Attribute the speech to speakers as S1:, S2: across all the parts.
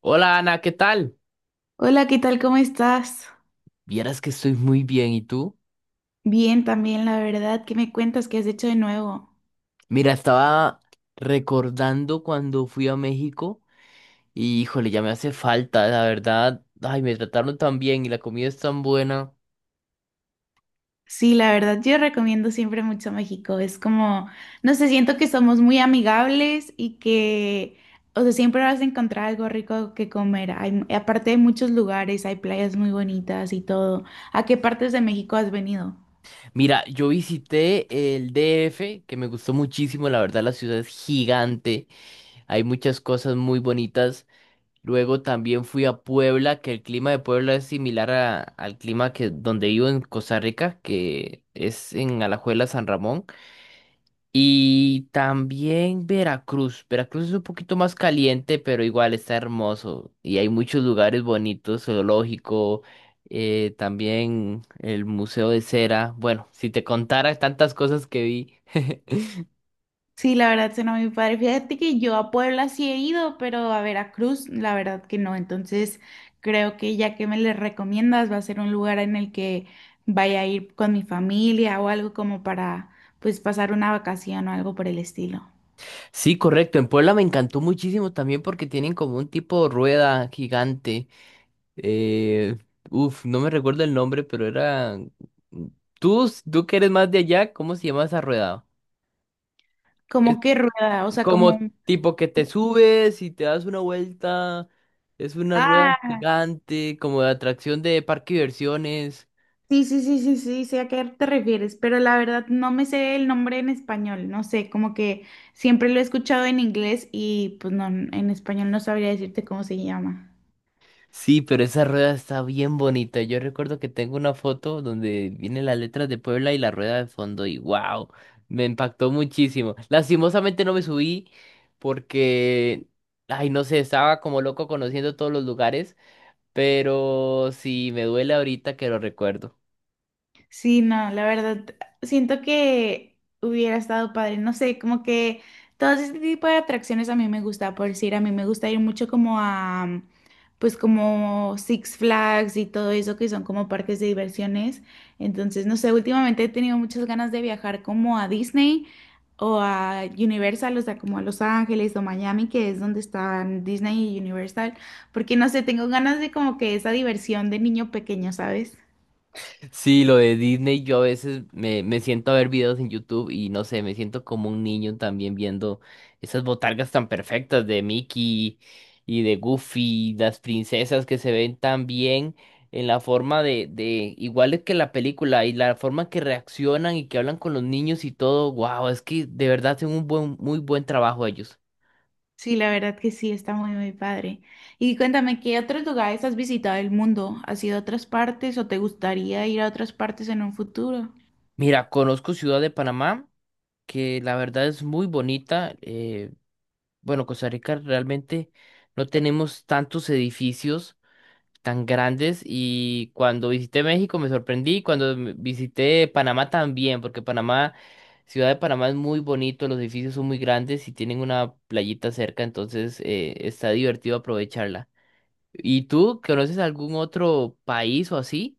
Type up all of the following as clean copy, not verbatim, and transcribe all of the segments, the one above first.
S1: Hola Ana, ¿qué tal?
S2: Hola, ¿qué tal? ¿Cómo estás?
S1: Vieras que estoy muy bien, ¿y tú?
S2: Bien, también, la verdad. ¿Qué me cuentas? ¿Qué has hecho de nuevo?
S1: Mira, estaba recordando cuando fui a México y híjole, ya me hace falta, la verdad. Ay, me trataron tan bien y la comida es tan buena.
S2: Sí, la verdad, yo recomiendo siempre mucho México. Es como, no sé, siento que somos muy amigables y que, o sea, siempre vas a encontrar algo rico que comer. Hay, aparte hay muchos lugares, hay playas muy bonitas y todo. ¿A qué partes de México has venido?
S1: Mira, yo visité el DF, que me gustó muchísimo, la verdad la ciudad es gigante, hay muchas cosas muy bonitas. Luego también fui a Puebla, que el clima de Puebla es similar al clima que donde vivo en Costa Rica, que es en Alajuela, San Ramón. Y también Veracruz. Veracruz es un poquito más caliente, pero igual está hermoso. Y hay muchos lugares bonitos, zoológico, también el Museo de Cera. Bueno, si te contara tantas cosas que vi.
S2: Sí, la verdad suena muy padre. Fíjate que yo a Puebla sí he ido, pero a Veracruz, la verdad que no. Entonces, creo que ya que me le recomiendas, va a ser un lugar en el que vaya a ir con mi familia o algo como para, pues, pasar una vacación o algo por el estilo.
S1: Sí, correcto. En Puebla me encantó muchísimo también porque tienen como un tipo de rueda gigante. Eh, no me recuerdo el nombre, pero era... Tú que eres más de allá, ¿cómo se llama esa rueda?
S2: Como que rueda, o sea, como
S1: Como
S2: un...
S1: tipo que te subes y te das una vuelta, es una rueda
S2: Ah,
S1: gigante, como de atracción de parque de diversiones.
S2: sí, sí, sí, sí, sí, sé a qué te refieres, pero la verdad no me sé el nombre en español, no sé, como que siempre lo he escuchado en inglés y pues no, en español no sabría decirte cómo se llama.
S1: Sí, pero esa rueda está bien bonita. Yo recuerdo que tengo una foto donde vienen las letras de Puebla y la rueda de fondo y wow, me impactó muchísimo. Lastimosamente no me subí porque, ay, no sé, estaba como loco conociendo todos los lugares, pero sí, me duele ahorita que lo recuerdo.
S2: Sí, no, la verdad, siento que hubiera estado padre, no sé, como que todo este tipo de atracciones a mí me gusta, por decir, a mí me gusta ir mucho como a, pues como Six Flags y todo eso que son como parques de diversiones, entonces, no sé, últimamente he tenido muchas ganas de viajar como a Disney o a Universal, o sea, como a Los Ángeles o Miami, que es donde están Disney y Universal, porque no sé, tengo ganas de como que esa diversión de niño pequeño, ¿sabes?
S1: Sí, lo de Disney, yo a veces me siento a ver videos en YouTube y no sé, me siento como un niño también viendo esas botargas tan perfectas de Mickey y de Goofy, las princesas que se ven tan bien en la forma de iguales que la película y la forma que reaccionan y que hablan con los niños y todo, wow, es que de verdad hacen un buen, muy buen trabajo ellos.
S2: Sí, la verdad que sí, está muy, muy padre. Y cuéntame, ¿qué otros lugares has visitado del mundo? ¿Has ido a otras partes o te gustaría ir a otras partes en un futuro?
S1: Mira, conozco Ciudad de Panamá, que la verdad es muy bonita. Bueno, Costa Rica realmente no tenemos tantos edificios tan grandes y cuando visité México me sorprendí, cuando visité Panamá también, porque Panamá, Ciudad de Panamá es muy bonito, los edificios son muy grandes y tienen una playita cerca, entonces está divertido aprovecharla. ¿Y tú conoces algún otro país o así?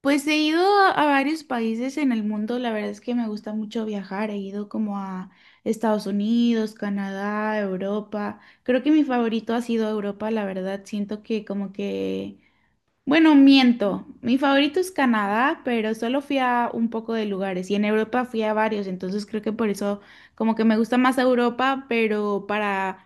S2: Pues he ido a varios países en el mundo, la verdad es que me gusta mucho viajar, he ido como a Estados Unidos, Canadá, Europa. Creo que mi favorito ha sido Europa, la verdad, siento que como que bueno, miento. Mi favorito es Canadá, pero solo fui a un poco de lugares y en Europa fui a varios, entonces creo que por eso como que me gusta más Europa, pero para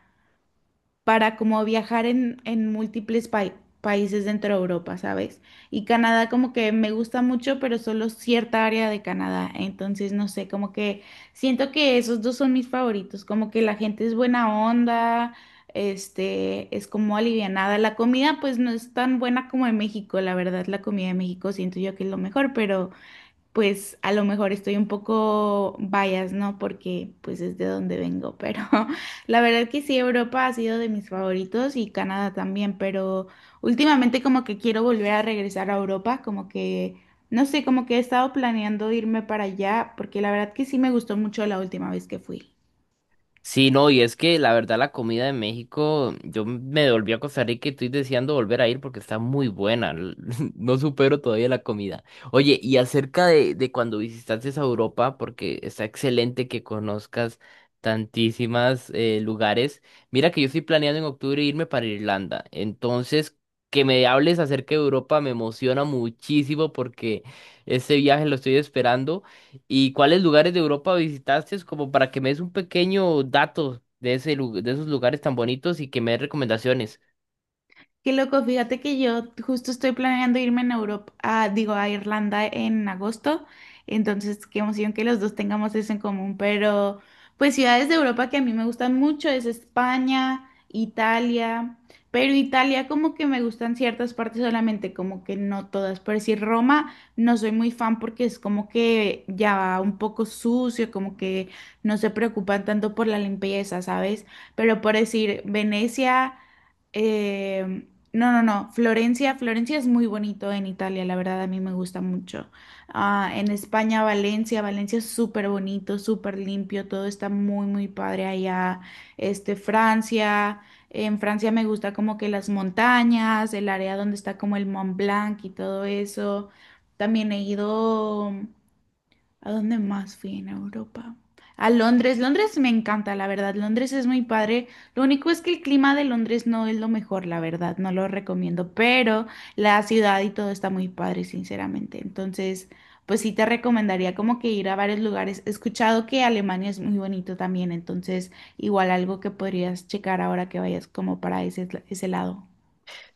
S2: para como viajar en múltiples países dentro de Europa, ¿sabes? Y Canadá como que me gusta mucho, pero solo cierta área de Canadá. Entonces, no sé, como que siento que esos dos son mis favoritos, como que la gente es buena onda, este, es como alivianada. La comida pues no es tan buena como en México, la verdad, la comida de México siento yo que es lo mejor, pero pues a lo mejor estoy un poco bias, ¿no? Porque pues es de donde vengo, pero la verdad que sí, Europa ha sido de mis favoritos y Canadá también, pero últimamente como que quiero volver a regresar a Europa, como que, no sé, como que he estado planeando irme para allá, porque la verdad que sí me gustó mucho la última vez que fui.
S1: Sí, no, y es que la verdad la comida de México, yo me volví a Costa Rica y estoy deseando volver a ir porque está muy buena. No supero todavía la comida. Oye, y acerca de cuando visitaste a Europa, porque está excelente que conozcas tantísimas lugares. Mira que yo estoy planeando en octubre irme para Irlanda. Entonces, que me hables acerca de Europa me emociona muchísimo porque este viaje lo estoy esperando. ¿Y cuáles lugares de Europa visitaste? Como para que me des un pequeño dato de de esos lugares tan bonitos y que me des recomendaciones.
S2: Qué loco, fíjate que yo justo estoy planeando irme en Europa, digo, a Irlanda en agosto, entonces qué emoción que los dos tengamos eso en común, pero pues ciudades de Europa que a mí me gustan mucho es España, Italia, pero Italia como que me gustan ciertas partes solamente, como que no todas, por decir Roma no soy muy fan porque es como que ya un poco sucio, como que no se preocupan tanto por la limpieza, ¿sabes? Pero por decir Venecia... em, no, no, no. Florencia, Florencia es muy bonito en Italia, la verdad a mí me gusta mucho. Ah, en España, Valencia, Valencia es súper bonito, súper limpio, todo está muy, muy padre allá. Este, Francia, en Francia me gusta como que las montañas, el área donde está como el Mont Blanc y todo eso. También he ido. ¿A dónde más fui en Europa? A Londres. Londres me encanta, la verdad. Londres es muy padre. Lo único es que el clima de Londres no es lo mejor, la verdad. No lo recomiendo, pero la ciudad y todo está muy padre, sinceramente. Entonces, pues sí te recomendaría como que ir a varios lugares. He escuchado que Alemania es muy bonito también, entonces igual algo que podrías checar ahora que vayas como para ese, ese lado.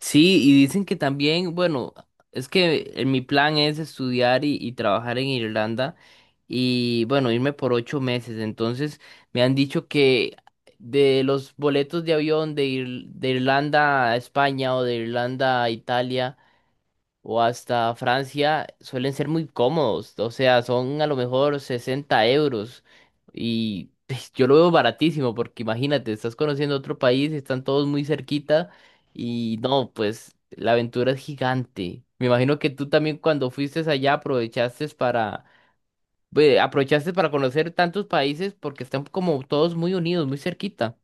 S1: Sí, y dicen que también, bueno, es que mi plan es estudiar y trabajar en Irlanda y, bueno, irme por 8 meses. Entonces, me han dicho que de los boletos de avión de Irlanda a España o de Irlanda a Italia o hasta Francia suelen ser muy cómodos. O sea, son a lo mejor 60 euros. Y pues, yo lo veo baratísimo porque imagínate, estás conociendo otro país, están todos muy cerquita y no, pues la aventura es gigante. Me imagino que tú también cuando fuiste allá aprovechaste para, aprovechaste para conocer tantos países porque están como todos muy unidos, muy cerquita.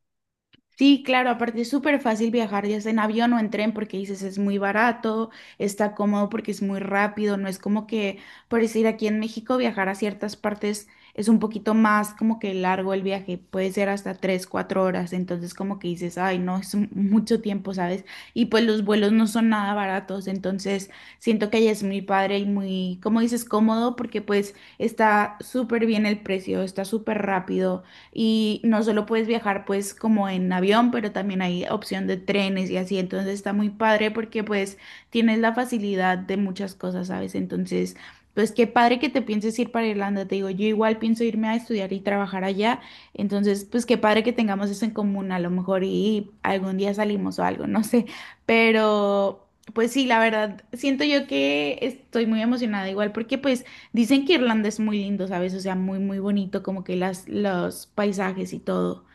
S2: Sí, claro, aparte es súper fácil viajar ya sea en avión o en tren porque dices es muy barato, está cómodo porque es muy rápido, no es como que, por decir, aquí en México viajar a ciertas partes es un poquito más como que largo el viaje, puede ser hasta tres, cuatro horas, entonces como que dices, ay, no, es mucho tiempo, ¿sabes? Y pues los vuelos no son nada baratos, entonces siento que allá es muy padre y muy, como dices, cómodo porque pues está súper bien el precio, está súper rápido y no solo puedes viajar pues como en avión, pero también hay opción de trenes y así, entonces está muy padre porque pues tienes la facilidad de muchas cosas, ¿sabes? Entonces, pues qué padre que te pienses ir para Irlanda, te digo, yo igual pienso irme a estudiar y trabajar allá, entonces pues qué padre que tengamos eso en común, a lo mejor y algún día salimos o algo, no sé, pero... Pues sí, la verdad, siento yo que estoy muy emocionada igual porque pues dicen que Irlanda es muy lindo, ¿sabes? O sea, muy, muy bonito, como que las, los paisajes y todo.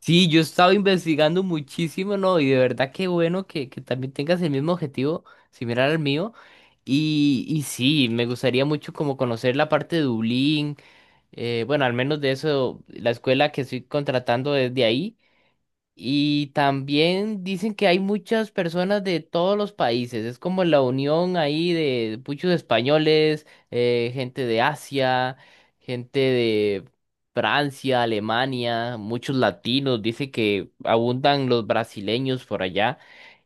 S1: Sí, yo estaba investigando muchísimo, ¿no? Y de verdad qué bueno que también tengas el mismo objetivo similar al mío. Y sí, me gustaría mucho como conocer la parte de Dublín. Bueno, al menos de eso, la escuela que estoy contratando es de ahí. Y también dicen que hay muchas personas de todos los países. Es como la unión ahí de muchos españoles, gente de Asia, gente de Francia, Alemania, muchos latinos. Dice que abundan los brasileños por allá.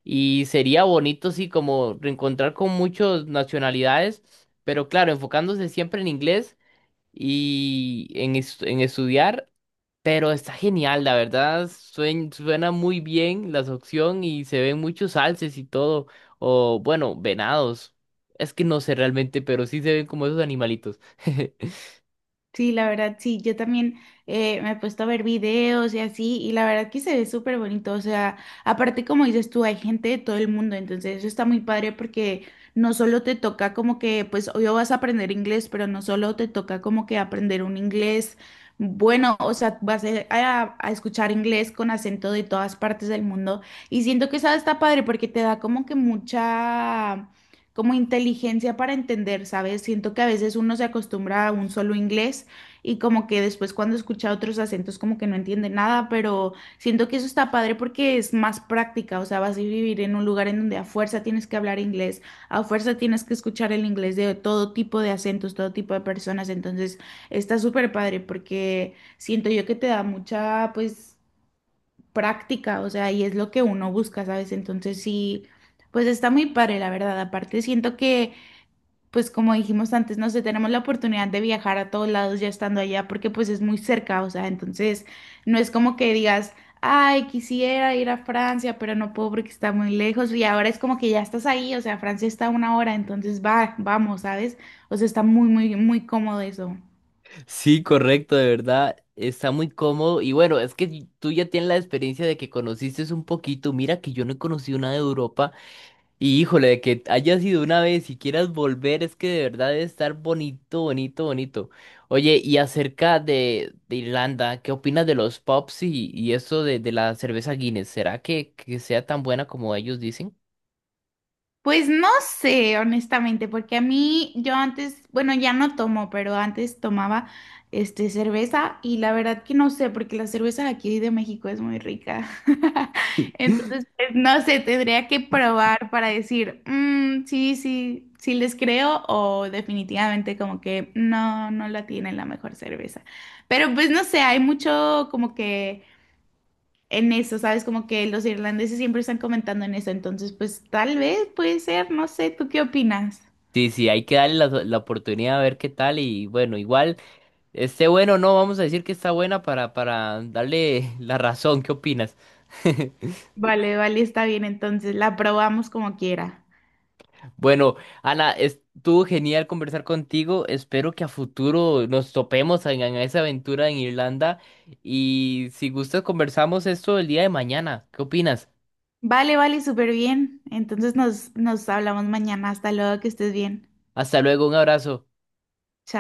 S1: Y sería bonito, sí, como reencontrar con muchas nacionalidades, pero claro, enfocándose siempre en inglés y en estudiar. Pero está genial, la verdad, suena muy bien la opción y se ven muchos alces y todo, o bueno, venados. Es que no sé realmente, pero sí se ven como esos animalitos.
S2: Sí, la verdad, sí, yo también me he puesto a ver videos y así, y la verdad que se ve súper bonito, o sea, aparte como dices tú, hay gente de todo el mundo, entonces eso está muy padre porque no solo te toca como que, pues hoy vas a aprender inglés, pero no solo te toca como que aprender un inglés bueno, o sea, vas a, a escuchar inglés con acento de todas partes del mundo, y siento que eso está padre porque te da como que mucha como inteligencia para entender, ¿sabes? Siento que a veces uno se acostumbra a un solo inglés y como que después cuando escucha otros acentos como que no entiende nada, pero siento que eso está padre porque es más práctica, o sea, vas a vivir en un lugar en donde a fuerza tienes que hablar inglés, a fuerza tienes que escuchar el inglés de todo tipo de acentos, todo tipo de personas, entonces está súper padre porque siento yo que te da mucha, pues práctica, o sea, y es lo que uno busca, ¿sabes? Entonces sí, pues está muy padre, la verdad. Aparte, siento que, pues como dijimos antes, no sé, tenemos la oportunidad de viajar a todos lados ya estando allá, porque pues es muy cerca, o sea, entonces no es como que digas, ay, quisiera ir a Francia, pero no puedo porque está muy lejos, y ahora es como que ya estás ahí, o sea, Francia está a una hora, entonces va, vamos, ¿sabes? O sea, está muy, muy, muy cómodo eso.
S1: Sí, correcto, de verdad, está muy cómodo y bueno, es que tú ya tienes la experiencia de que conociste un poquito, mira que yo no he conocido nada de Europa. Y híjole, de que hayas ido una vez y quieras volver, es que de verdad debe estar bonito, bonito, bonito. Oye, y acerca de Irlanda, ¿qué opinas de los pubs y eso de la cerveza Guinness? ¿Será que sea tan buena como ellos dicen?
S2: Pues no sé, honestamente, porque a mí yo antes, bueno, ya no tomo, pero antes tomaba este cerveza y la verdad que no sé, porque la cerveza de aquí de México es muy rica. Entonces, pues, no sé, tendría que probar para decir, "Mm, sí, sí, sí les creo o definitivamente como que no, no la tienen la mejor cerveza". Pero pues no sé, hay mucho como que en eso, ¿sabes? Como que los irlandeses siempre están comentando en eso, entonces pues tal vez puede ser, no sé, ¿tú qué opinas?
S1: Sí, sí, hay que darle la oportunidad a ver qué tal y bueno, igual esté bueno o no, vamos a decir que está buena para darle la razón, ¿qué opinas?
S2: Vale, vale, está bien, entonces la probamos como quiera.
S1: Bueno, Ana, estuvo genial conversar contigo. Espero que a futuro nos topemos en esa aventura en Irlanda. Y si gustas, conversamos esto el día de mañana. ¿Qué opinas?
S2: Vale, vale, súper bien. Entonces nos hablamos mañana. Hasta luego, que estés bien.
S1: Hasta luego, un abrazo.
S2: Chao.